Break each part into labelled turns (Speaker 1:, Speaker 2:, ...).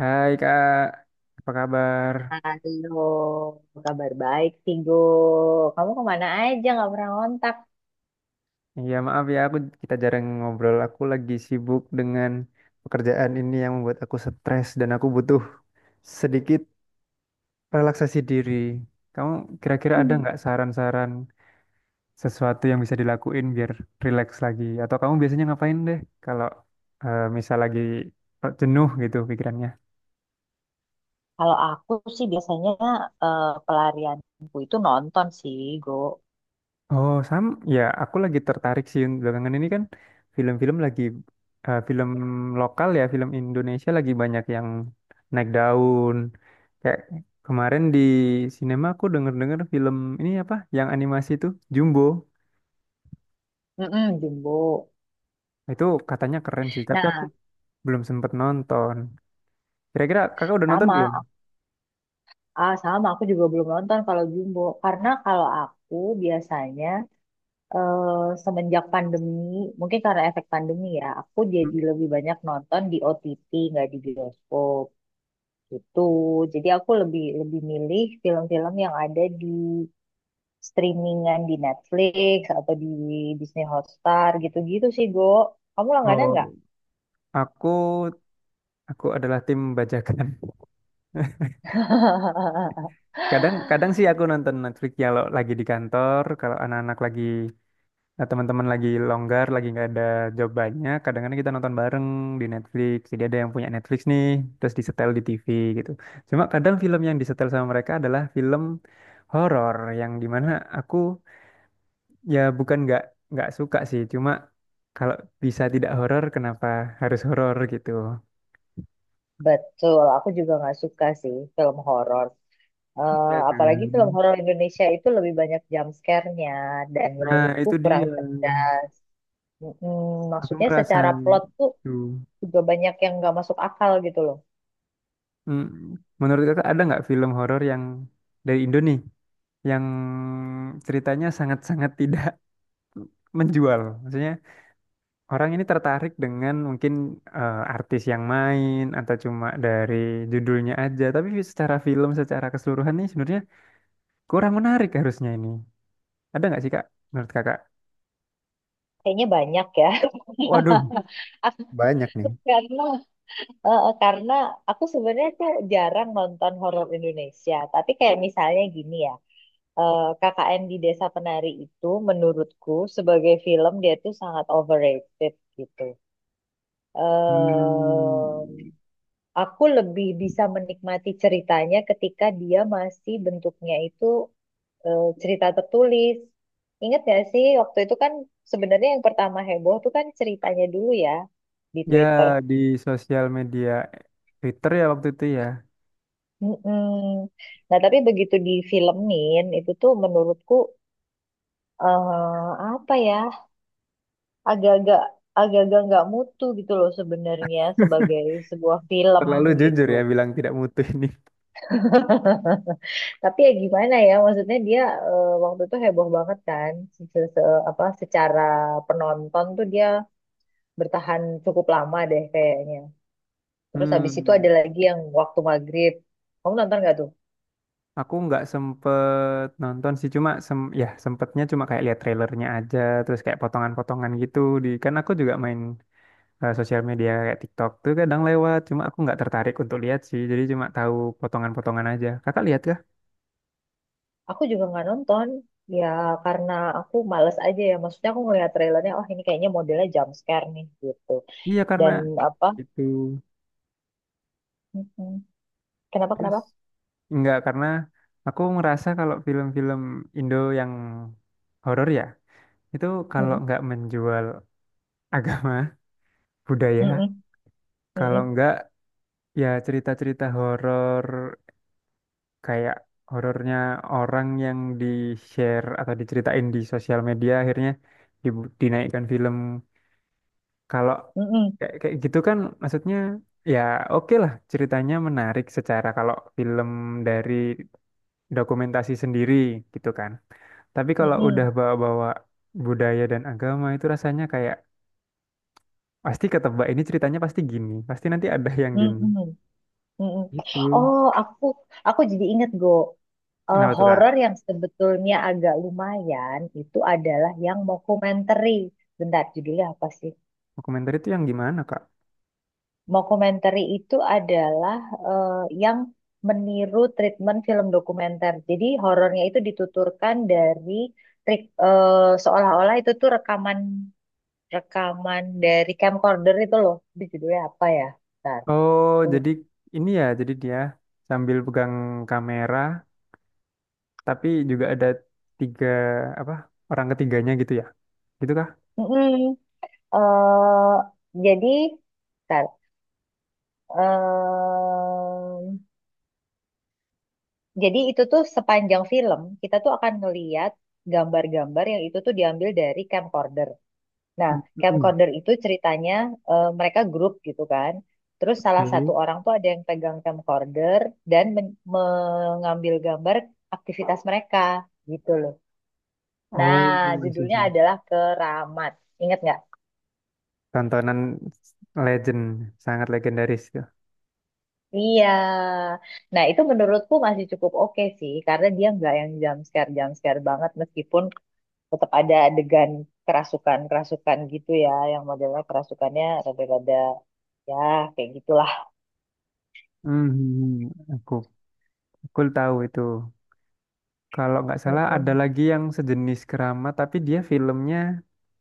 Speaker 1: Hai Kak, apa kabar?
Speaker 2: Halo, kabar baik, Tigo. Kamu kemana aja nggak pernah ngontak?
Speaker 1: Ya maaf ya kita jarang ngobrol. Aku lagi sibuk dengan pekerjaan ini yang membuat aku stres dan aku butuh sedikit relaksasi diri. Kamu kira-kira ada nggak saran-saran sesuatu yang bisa dilakuin biar relax lagi? Atau kamu biasanya ngapain deh kalau misal lagi jenuh gitu pikirannya?
Speaker 2: Kalau aku sih biasanya pelarianku itu nonton sih, Go.
Speaker 1: Oh, Sam, ya aku lagi tertarik sih belakangan ini kan film-film lagi film lokal ya, film Indonesia lagi banyak yang naik daun. Kayak kemarin di sinema aku denger-denger film ini apa yang animasi itu Jumbo.
Speaker 2: Mm-mm, Jumbo.
Speaker 1: Itu katanya keren sih, tapi aku
Speaker 2: Nah,
Speaker 1: belum sempet nonton. Kira-kira kakak udah nonton belum?
Speaker 2: sama, sama aku juga belum nonton kalau Jumbo. Karena kalau aku biasanya eh, semenjak pandemi, mungkin karena efek pandemi ya, aku
Speaker 1: Hmm.
Speaker 2: jadi lebih banyak nonton di OTT, nggak di bioskop gitu. Jadi aku lebih lebih milih film-film yang ada di streamingan di Netflix atau di Disney Hotstar gitu-gitu sih, Go. Kamu langganan
Speaker 1: Oh,
Speaker 2: nggak?
Speaker 1: aku aku adalah tim bajakan. Kadang kadang sih aku nonton Netflix ya kalau lagi di kantor, kalau anak-anak lagi, nah, teman-teman lagi longgar, lagi nggak ada job banyak, kadang-kadang kita nonton bareng di Netflix. Jadi ada yang punya Netflix nih, terus disetel di TV gitu. Cuma kadang film yang disetel sama mereka adalah film horor yang dimana aku, ya bukan nggak suka sih, cuma kalau bisa tidak horor, kenapa harus horor gitu?
Speaker 2: Betul, aku juga nggak suka sih film horor. Eh,
Speaker 1: Ya
Speaker 2: apalagi film
Speaker 1: kan?
Speaker 2: horor Indonesia itu lebih banyak jump scare-nya dan
Speaker 1: Nah,
Speaker 2: menurutku
Speaker 1: itu
Speaker 2: kurang
Speaker 1: dia.
Speaker 2: cerdas. Mm,
Speaker 1: Aku
Speaker 2: maksudnya
Speaker 1: merasa
Speaker 2: secara plot tuh
Speaker 1: itu.
Speaker 2: juga banyak yang nggak masuk akal gitu loh.
Speaker 1: Mm. Menurut kakak ada nggak film horor yang dari Indo nih yang ceritanya sangat-sangat tidak menjual. Maksudnya orang ini tertarik dengan mungkin artis yang main atau cuma dari judulnya aja, tapi secara film, secara keseluruhan nih sebenarnya kurang menarik harusnya ini. Ada nggak sih Kak? Menurut Kakak?
Speaker 2: Kayaknya banyak ya.
Speaker 1: Waduh, banyak nih.
Speaker 2: Karena karena aku sebenarnya tuh jarang nonton horor Indonesia, tapi kayak misalnya gini ya, KKN di Desa Penari itu menurutku sebagai film dia tuh sangat overrated gitu. eh
Speaker 1: Hmm,
Speaker 2: aku lebih bisa menikmati ceritanya ketika dia masih bentuknya itu cerita tertulis. Ingat gak sih waktu itu kan sebenarnya yang pertama heboh tuh kan ceritanya dulu ya di
Speaker 1: ya
Speaker 2: Twitter.
Speaker 1: di sosial media Twitter ya waktu itu ya.
Speaker 2: Mm-mm. Nah, tapi begitu difilmin itu tuh menurutku apa ya agak-agak agak-agak nggak mutu gitu loh sebenarnya sebagai sebuah film
Speaker 1: Terlalu jujur
Speaker 2: gitu.
Speaker 1: ya bilang tidak mutu ini.
Speaker 2: Tapi ya gimana ya maksudnya dia waktu itu heboh banget kan apa secara penonton tuh dia bertahan cukup lama deh kayaknya. Terus habis itu
Speaker 1: Hmm.
Speaker 2: ada lagi yang waktu maghrib. Kamu nonton nggak tuh?
Speaker 1: Aku nggak sempet nonton sih, cuma sem ya sempetnya cuma kayak lihat trailernya aja, terus kayak potongan-potongan gitu di, kan aku juga main sosial media kayak TikTok tuh kadang lewat, cuma aku nggak tertarik untuk lihat sih, jadi cuma tahu potongan-potongan aja. Kakak lihat kah?
Speaker 2: Aku juga nggak nonton ya karena aku males aja ya. Maksudnya aku ngeliat trailernya, oh ini kayaknya modelnya jump scare nih gitu.
Speaker 1: Iya karena
Speaker 2: Dan apa?
Speaker 1: itu
Speaker 2: Mm-mm. Kenapa
Speaker 1: terus
Speaker 2: kenapa?
Speaker 1: nggak, karena aku ngerasa kalau film-film Indo yang horor ya, itu kalau
Speaker 2: Mm-mm,
Speaker 1: nggak menjual agama, budaya,
Speaker 2: mm-mm,
Speaker 1: kalau
Speaker 2: mm-mm,
Speaker 1: nggak ya cerita-cerita horor kayak horornya orang yang di share atau diceritain di sosial media akhirnya dinaikkan film kalau
Speaker 2: mm-mm,
Speaker 1: kayak kayak gitu kan, maksudnya ya oke lah ceritanya menarik secara kalau film dari dokumentasi sendiri gitu kan, tapi kalau udah
Speaker 2: mm-mm,
Speaker 1: bawa-bawa budaya dan agama itu rasanya kayak pasti ketebak, ini ceritanya pasti gini, pasti nanti ada yang gini
Speaker 2: mm-mm, mm-mm.
Speaker 1: gitu.
Speaker 2: Oh, aku jadi inget, Go. Eh,
Speaker 1: Kenapa tuh Kak?
Speaker 2: horor yang sebetulnya agak lumayan itu adalah yang mockumentary. Bentar, judulnya apa sih?
Speaker 1: Dokumenter itu yang gimana Kak?
Speaker 2: Mockumentary itu adalah eh, yang meniru treatment film dokumenter. Jadi horornya itu dituturkan dari seolah-olah itu tuh rekaman rekaman dari camcorder itu loh. Itu judulnya apa ya? Bentar.
Speaker 1: Oh,
Speaker 2: Aku
Speaker 1: jadi
Speaker 2: lupa.
Speaker 1: ini ya, jadi dia sambil pegang kamera, tapi juga ada tiga apa orang ketiganya gitu ya, gitu kah?
Speaker 2: Mm-mm. Eh, jadi bentar. Em, jadi itu tuh sepanjang film kita tuh akan ngeliat gambar-gambar yang itu tuh diambil dari camcorder. Nah,
Speaker 1: Mm-mm.
Speaker 2: camcorder itu ceritanya mereka grup gitu kan. Terus salah satu
Speaker 1: Oke.
Speaker 2: orang tuh ada yang pegang camcorder dan mengambil gambar aktivitas mereka gitu loh. Nah,
Speaker 1: Oh, I see, I
Speaker 2: judulnya
Speaker 1: see.
Speaker 2: adalah Keramat. Ingat nggak?
Speaker 1: Tontonan legend, sangat legendaris itu.
Speaker 2: Iya. Nah, itu menurutku masih cukup oke sih karena dia nggak yang jump scare banget meskipun tetap ada adegan kerasukan-kerasukan gitu ya yang modelnya kerasukannya rada-rada ya kayak gitulah.
Speaker 1: Mhm. Aku tahu itu. Kalau nggak salah ada
Speaker 2: Mm-mm.
Speaker 1: lagi yang sejenis Kerama, tapi dia filmnya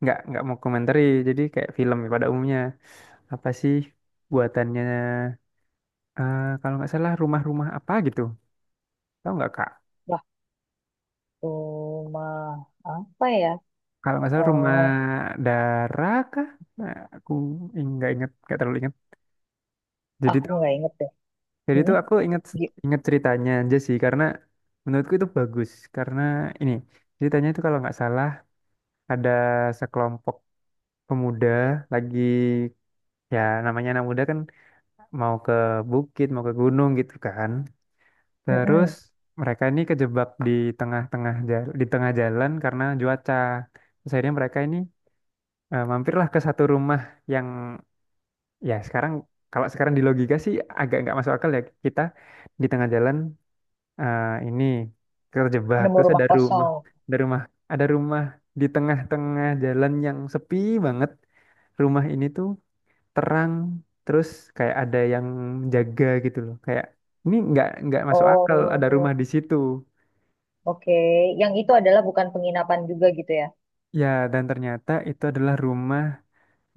Speaker 1: nggak mau komentari, jadi kayak film pada umumnya. Apa sih buatannya? Kalau nggak salah rumah-rumah apa gitu. Tahu nggak Kak?
Speaker 2: Cuma apa ya?
Speaker 1: Kalau nggak salah rumah
Speaker 2: Eh,
Speaker 1: Dara kah? Nah, aku nggak inget, nggak terlalu inget. Jadi
Speaker 2: aku
Speaker 1: tuh,
Speaker 2: nggak inget deh.
Speaker 1: jadi
Speaker 2: Hmm?
Speaker 1: tuh aku inget,
Speaker 2: Gi-
Speaker 1: inget ceritanya aja sih karena menurutku itu bagus karena ini ceritanya itu kalau nggak salah ada sekelompok pemuda lagi, ya namanya anak muda kan, mau ke bukit, mau ke gunung gitu kan. Terus
Speaker 2: Mm-mm.
Speaker 1: mereka ini kejebak di tengah-tengah jalan, di tengah jalan karena cuaca. Terus akhirnya mereka ini, eh, mampirlah ke satu rumah yang ya sekarang, kalau sekarang di logika sih agak nggak masuk akal ya, kita di tengah jalan ini terjebak,
Speaker 2: Nemu
Speaker 1: terus
Speaker 2: rumah
Speaker 1: ada rumah,
Speaker 2: kosong.
Speaker 1: ada rumah ada rumah di tengah-tengah jalan yang sepi banget, rumah ini tuh terang, terus kayak ada yang jaga gitu loh, kayak ini nggak masuk akal ada
Speaker 2: Oh,
Speaker 1: rumah di situ
Speaker 2: oke. Yang itu adalah bukan penginapan juga gitu ya?
Speaker 1: ya. Dan ternyata itu adalah rumah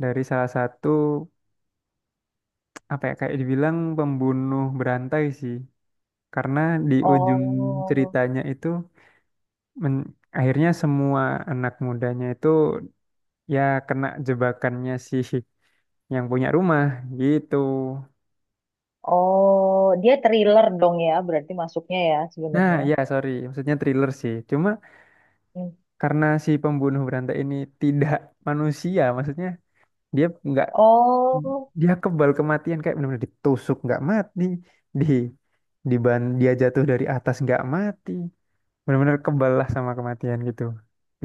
Speaker 1: dari salah satu apa ya, kayak dibilang pembunuh berantai sih. Karena di ujung
Speaker 2: Oh,
Speaker 1: ceritanya itu men- akhirnya semua anak mudanya itu ya kena jebakannya si yang punya rumah gitu.
Speaker 2: oh, dia thriller dong ya, berarti masuknya ya
Speaker 1: Nah,
Speaker 2: sebenarnya.
Speaker 1: ya sorry, maksudnya thriller sih. Cuma
Speaker 2: Hmm.
Speaker 1: karena si pembunuh berantai ini tidak manusia, maksudnya dia nggak
Speaker 2: Oh,
Speaker 1: dia kebal kematian kayak benar-benar ditusuk nggak mati, di di ban, dia jatuh dari atas nggak mati, benar-benar kebal lah sama kematian gitu.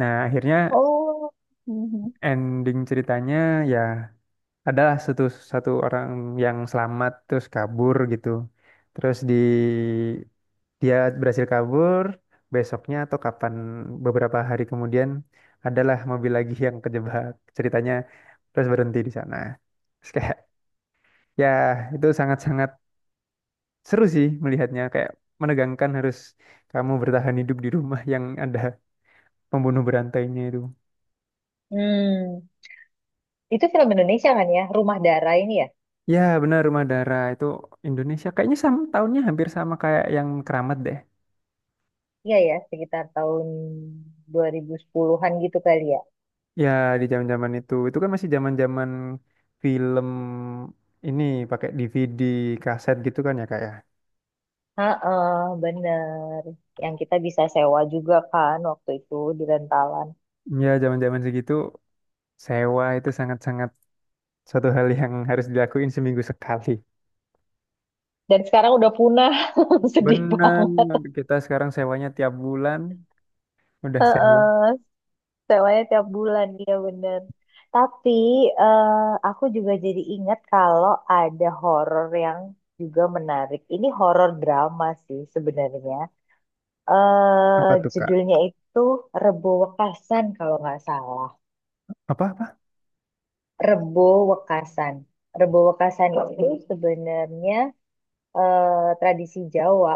Speaker 1: Nah, akhirnya
Speaker 2: oh. Mhm.
Speaker 1: ending ceritanya ya adalah satu satu orang yang selamat terus kabur gitu. Terus di, dia berhasil kabur, besoknya atau kapan beberapa hari kemudian adalah mobil lagi yang kejebak. Ceritanya terus berhenti di sana. Terus kayak ya itu sangat-sangat seru sih melihatnya, kayak menegangkan harus kamu bertahan hidup di rumah yang ada pembunuh berantainya itu.
Speaker 2: Hmm. Itu film Indonesia kan ya? Rumah Darah ini ya?
Speaker 1: Ya, benar rumah darah itu Indonesia kayaknya, sama tahunnya hampir sama kayak yang Keramat deh.
Speaker 2: Iya ya, sekitar tahun 2010-an gitu kali ya.
Speaker 1: Ya, di zaman-zaman itu. Itu kan masih zaman-zaman film ini pakai DVD, kaset gitu kan ya, Kak ya.
Speaker 2: Heeh, bener. Yang kita bisa sewa juga kan waktu itu di rentalan.
Speaker 1: Ya, zaman-zaman segitu sewa itu sangat-sangat suatu hal yang harus dilakuin seminggu sekali.
Speaker 2: Dan sekarang udah punah. Sedih
Speaker 1: Benar,
Speaker 2: banget.
Speaker 1: kita sekarang sewanya tiap bulan udah sewa.
Speaker 2: Heeh, sewanya tiap bulan, iya bener. Tapi eh, aku juga jadi ingat kalau ada horor yang juga menarik. Ini horor drama sih sebenarnya. eh
Speaker 1: Apa tuh, Kak?
Speaker 2: judulnya itu Rebo Wekasan kalau nggak salah.
Speaker 1: Apa-apa?
Speaker 2: Rebo Wekasan. Rebo Wekasan itu sebenarnya tradisi Jawa.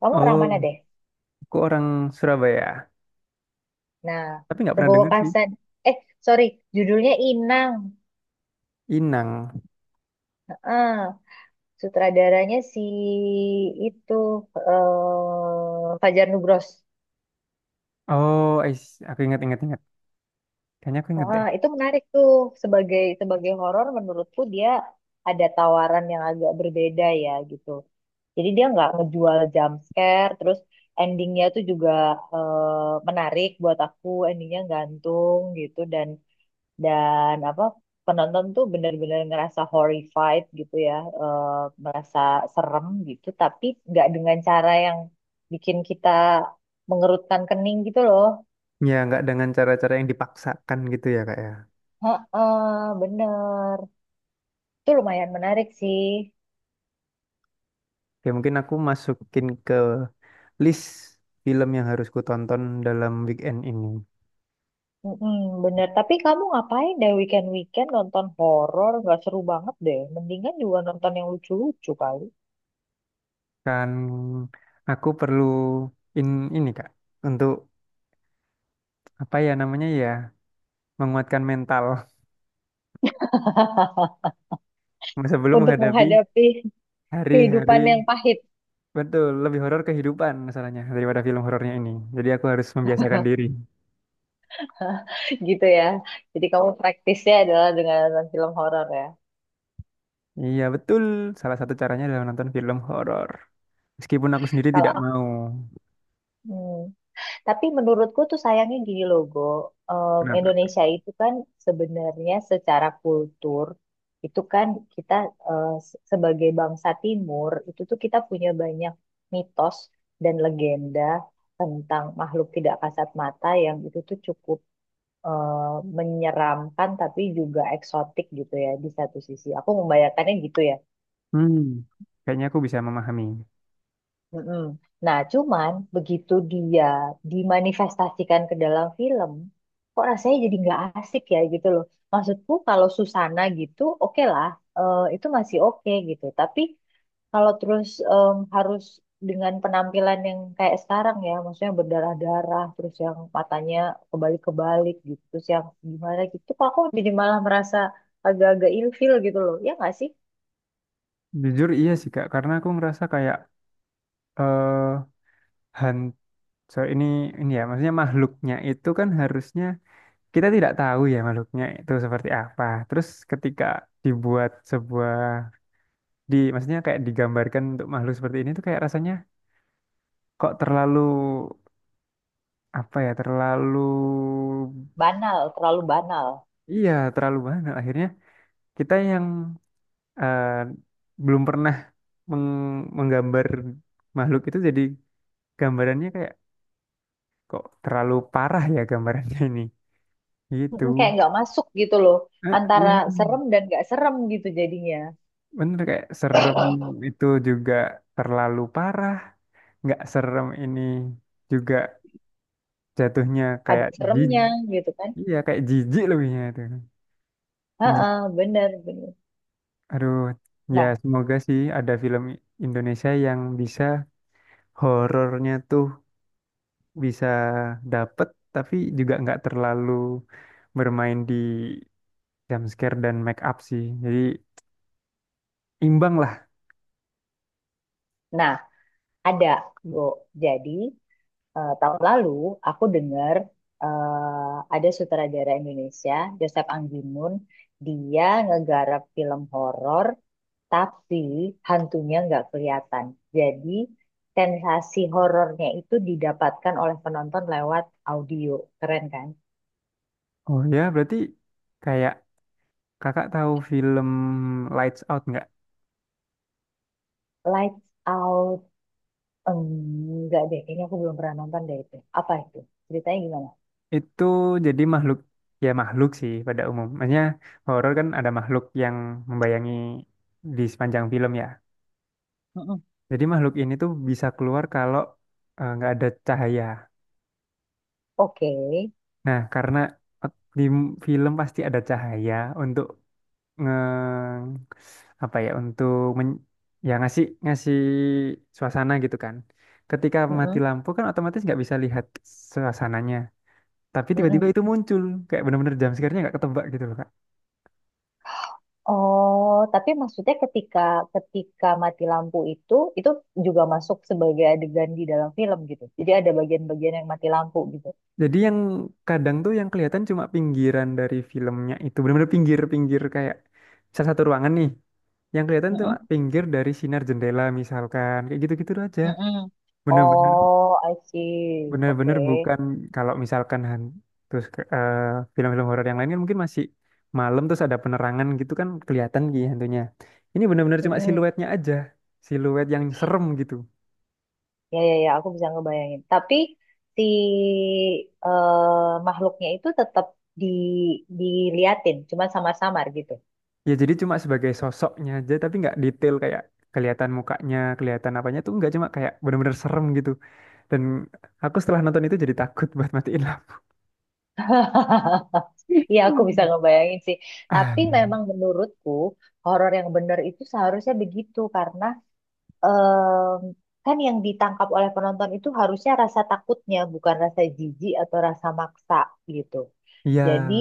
Speaker 2: Kamu orang mana
Speaker 1: Oh,
Speaker 2: deh?
Speaker 1: aku orang Surabaya,
Speaker 2: Nah,
Speaker 1: tapi nggak pernah
Speaker 2: Rebo
Speaker 1: denger sih.
Speaker 2: Kasan. Eh, sorry, judulnya Inang.
Speaker 1: Inang.
Speaker 2: Eh, sutradaranya si itu Fajar Nugros.
Speaker 1: Oh, I see. Aku ingat, ingat, ingat. Kayaknya aku ingat deh.
Speaker 2: Ah, itu menarik tuh sebagai sebagai horor. Menurutku dia ada tawaran yang agak berbeda ya gitu. Jadi dia nggak ngejual jump scare, terus endingnya tuh juga menarik buat aku, endingnya gantung gitu dan apa penonton tuh bener-bener ngerasa horrified gitu ya eh, merasa serem gitu tapi nggak dengan cara yang bikin kita mengerutkan kening gitu loh.
Speaker 1: Ya, nggak dengan cara-cara yang dipaksakan gitu ya Kak ya.
Speaker 2: Heeh, bener, itu lumayan menarik sih.
Speaker 1: Oke, mungkin aku masukin ke list film yang harus ku tonton dalam weekend ini.
Speaker 2: Mm-mm, bener, tapi kamu ngapain deh weekend weekend nonton horor? Nggak seru banget deh, mendingan juga nonton yang lucu-lucu kali.
Speaker 1: Kan aku perlu in ini Kak untuk apa ya namanya ya, menguatkan mental sebelum
Speaker 2: Untuk
Speaker 1: menghadapi
Speaker 2: menghadapi
Speaker 1: hari-hari,
Speaker 2: kehidupan yang pahit.
Speaker 1: betul lebih horor kehidupan masalahnya daripada film horornya ini. Jadi aku harus membiasakan diri.
Speaker 2: Gitu ya. Jadi kamu praktisnya adalah dengan nonton film horor ya.
Speaker 1: Iya betul, salah satu caranya adalah nonton film horor. Meskipun aku sendiri
Speaker 2: Kalau
Speaker 1: tidak
Speaker 2: aku,
Speaker 1: mau.
Speaker 2: hmm. Tapi menurutku tuh sayangnya gini loh, Go. Em,
Speaker 1: Kenapa?
Speaker 2: Indonesia itu kan sebenarnya secara kultur itu kan kita sebagai bangsa Timur itu tuh kita punya banyak mitos dan legenda tentang makhluk tidak kasat mata yang itu tuh cukup eh, menyeramkan tapi juga eksotik gitu ya di satu sisi. Aku membayangkannya gitu ya.
Speaker 1: Hmm, kayaknya aku bisa memahami.
Speaker 2: Mm-mm. Nah, cuman begitu dia dimanifestasikan ke dalam film, kok rasanya jadi nggak asik ya gitu loh. Maksudku kalau Susana gitu, oke lah, itu masih oke gitu. Tapi kalau terus harus dengan penampilan yang kayak sekarang ya, maksudnya berdarah-darah, terus yang matanya kebalik-kebalik gitu, terus yang gimana gitu, kok aku jadi malah merasa agak-agak ilfil gitu loh. Ya nggak sih?
Speaker 1: Jujur iya sih Kak, karena aku ngerasa kayak eh han- so, ini ya, maksudnya makhluknya itu kan harusnya kita tidak tahu ya makhluknya itu seperti apa. Terus ketika dibuat sebuah di, maksudnya kayak digambarkan untuk makhluk seperti ini tuh kayak rasanya kok terlalu apa ya, terlalu,
Speaker 2: Banal, terlalu banal.
Speaker 1: iya, terlalu banyak akhirnya kita yang eh, belum pernah menggambar makhluk itu, jadi gambarannya kayak kok terlalu parah ya gambarannya ini gitu.
Speaker 2: Mm-mm, kayak nggak masuk gitu loh,
Speaker 1: Ah,
Speaker 2: antara
Speaker 1: iya
Speaker 2: serem dan nggak serem gitu jadinya,
Speaker 1: bener, kayak serem itu juga terlalu parah, nggak serem ini juga jatuhnya
Speaker 2: ada
Speaker 1: kayak jijik.
Speaker 2: seremnya gitu kan.
Speaker 1: Iya kayak jijik lebihnya itu. Menji-
Speaker 2: Heeh, bener bener.
Speaker 1: aduh, ya
Speaker 2: Nah,
Speaker 1: semoga sih ada film Indonesia yang bisa horornya tuh bisa dapet, tapi juga nggak terlalu bermain di jump scare dan make up sih, jadi imbang lah.
Speaker 2: nah, ada, Go. Jadi tahun lalu aku dengar ada sutradara Indonesia Joseph Anggimun, dia ngegarap film horor tapi hantunya nggak kelihatan. Jadi sensasi horornya itu didapatkan oleh penonton lewat audio. Keren kan?
Speaker 1: Oh ya, berarti kayak kakak tahu film Lights Out nggak?
Speaker 2: Lights Out. Enggak deh, kayaknya aku belum pernah nonton deh itu. Apa itu? Ceritanya gimana?
Speaker 1: Itu jadi makhluk, ya makhluk sih pada umumnya, horor kan ada makhluk yang membayangi di sepanjang film ya,
Speaker 2: Mm-mm.
Speaker 1: jadi makhluk ini tuh bisa keluar kalau nggak ada cahaya.
Speaker 2: Oke.
Speaker 1: Nah karena film pasti ada cahaya untuk nge-, apa ya, untuk men, ya ngasih, suasana gitu kan. Ketika mati
Speaker 2: Mm-mm.
Speaker 1: lampu kan otomatis nggak bisa lihat suasananya. Tapi tiba-tiba
Speaker 2: Mm-mm.
Speaker 1: itu muncul kayak bener-bener jam sekarnya nggak ketebak gitu loh Kak.
Speaker 2: Oh, tapi maksudnya ketika ketika mati lampu itu juga masuk sebagai adegan di dalam film gitu. Jadi ada bagian-bagian yang mati lampu gitu.
Speaker 1: Jadi yang kadang tuh yang kelihatan cuma pinggiran dari filmnya itu bener-bener pinggir-pinggir kayak salah satu ruangan nih. Yang kelihatan cuma
Speaker 2: Mm-mm.
Speaker 1: pinggir dari sinar jendela misalkan, kayak gitu-gitu aja.
Speaker 2: Mm-mm.
Speaker 1: Bener-bener,
Speaker 2: Oh, I see.
Speaker 1: bener-bener
Speaker 2: Oke.
Speaker 1: bukan kalau misalkan terus film-film horor yang lain kan mungkin masih malam terus ada penerangan gitu kan kelihatan gitu hantunya. Ini bener-bener cuma
Speaker 2: Mm-mm.
Speaker 1: siluetnya aja, siluet yang serem gitu.
Speaker 2: Ya, ya, ya, aku bisa ngebayangin. Tapi si makhluknya itu tetap di diliatin, cuma samar-samar gitu.
Speaker 1: Ya jadi cuma sebagai sosoknya aja tapi nggak detail, kayak kelihatan mukanya, kelihatan apanya tuh nggak, cuma kayak bener-bener serem gitu. Dan aku setelah nonton itu jadi takut buat matiin lampu.
Speaker 2: Iya, aku bisa ngebayangin sih.
Speaker 1: Ah,
Speaker 2: Tapi memang menurutku horor yang benar itu seharusnya begitu karena em, kan yang ditangkap oleh penonton itu harusnya rasa takutnya, bukan rasa jijik atau rasa maksa gitu.
Speaker 1: iya,
Speaker 2: Jadi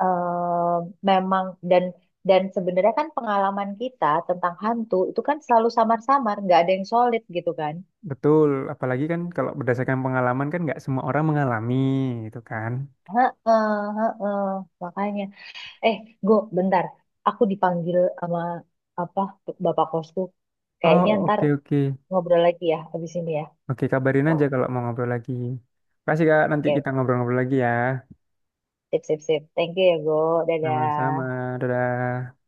Speaker 2: em, memang, dan sebenarnya kan pengalaman kita tentang hantu itu kan selalu samar-samar, nggak ada yang solid gitu kan.
Speaker 1: betul. Apalagi kan kalau berdasarkan pengalaman kan nggak semua orang mengalami itu kan.
Speaker 2: Heeh, heeh, makanya. Eh, go, bentar. Aku dipanggil sama apa bapak kosku.
Speaker 1: Oh,
Speaker 2: Kayaknya ntar
Speaker 1: oke, oke.
Speaker 2: ngobrol lagi ya abis ini ya.
Speaker 1: Oke, kabarin aja kalau mau ngobrol lagi. Kasih, Kak. Nanti kita
Speaker 2: Oke,
Speaker 1: ngobrol-ngobrol lagi ya.
Speaker 2: sip, sip, sip. Thank you ya, Go.
Speaker 1: Sama-sama.
Speaker 2: Dadah.
Speaker 1: Dadah.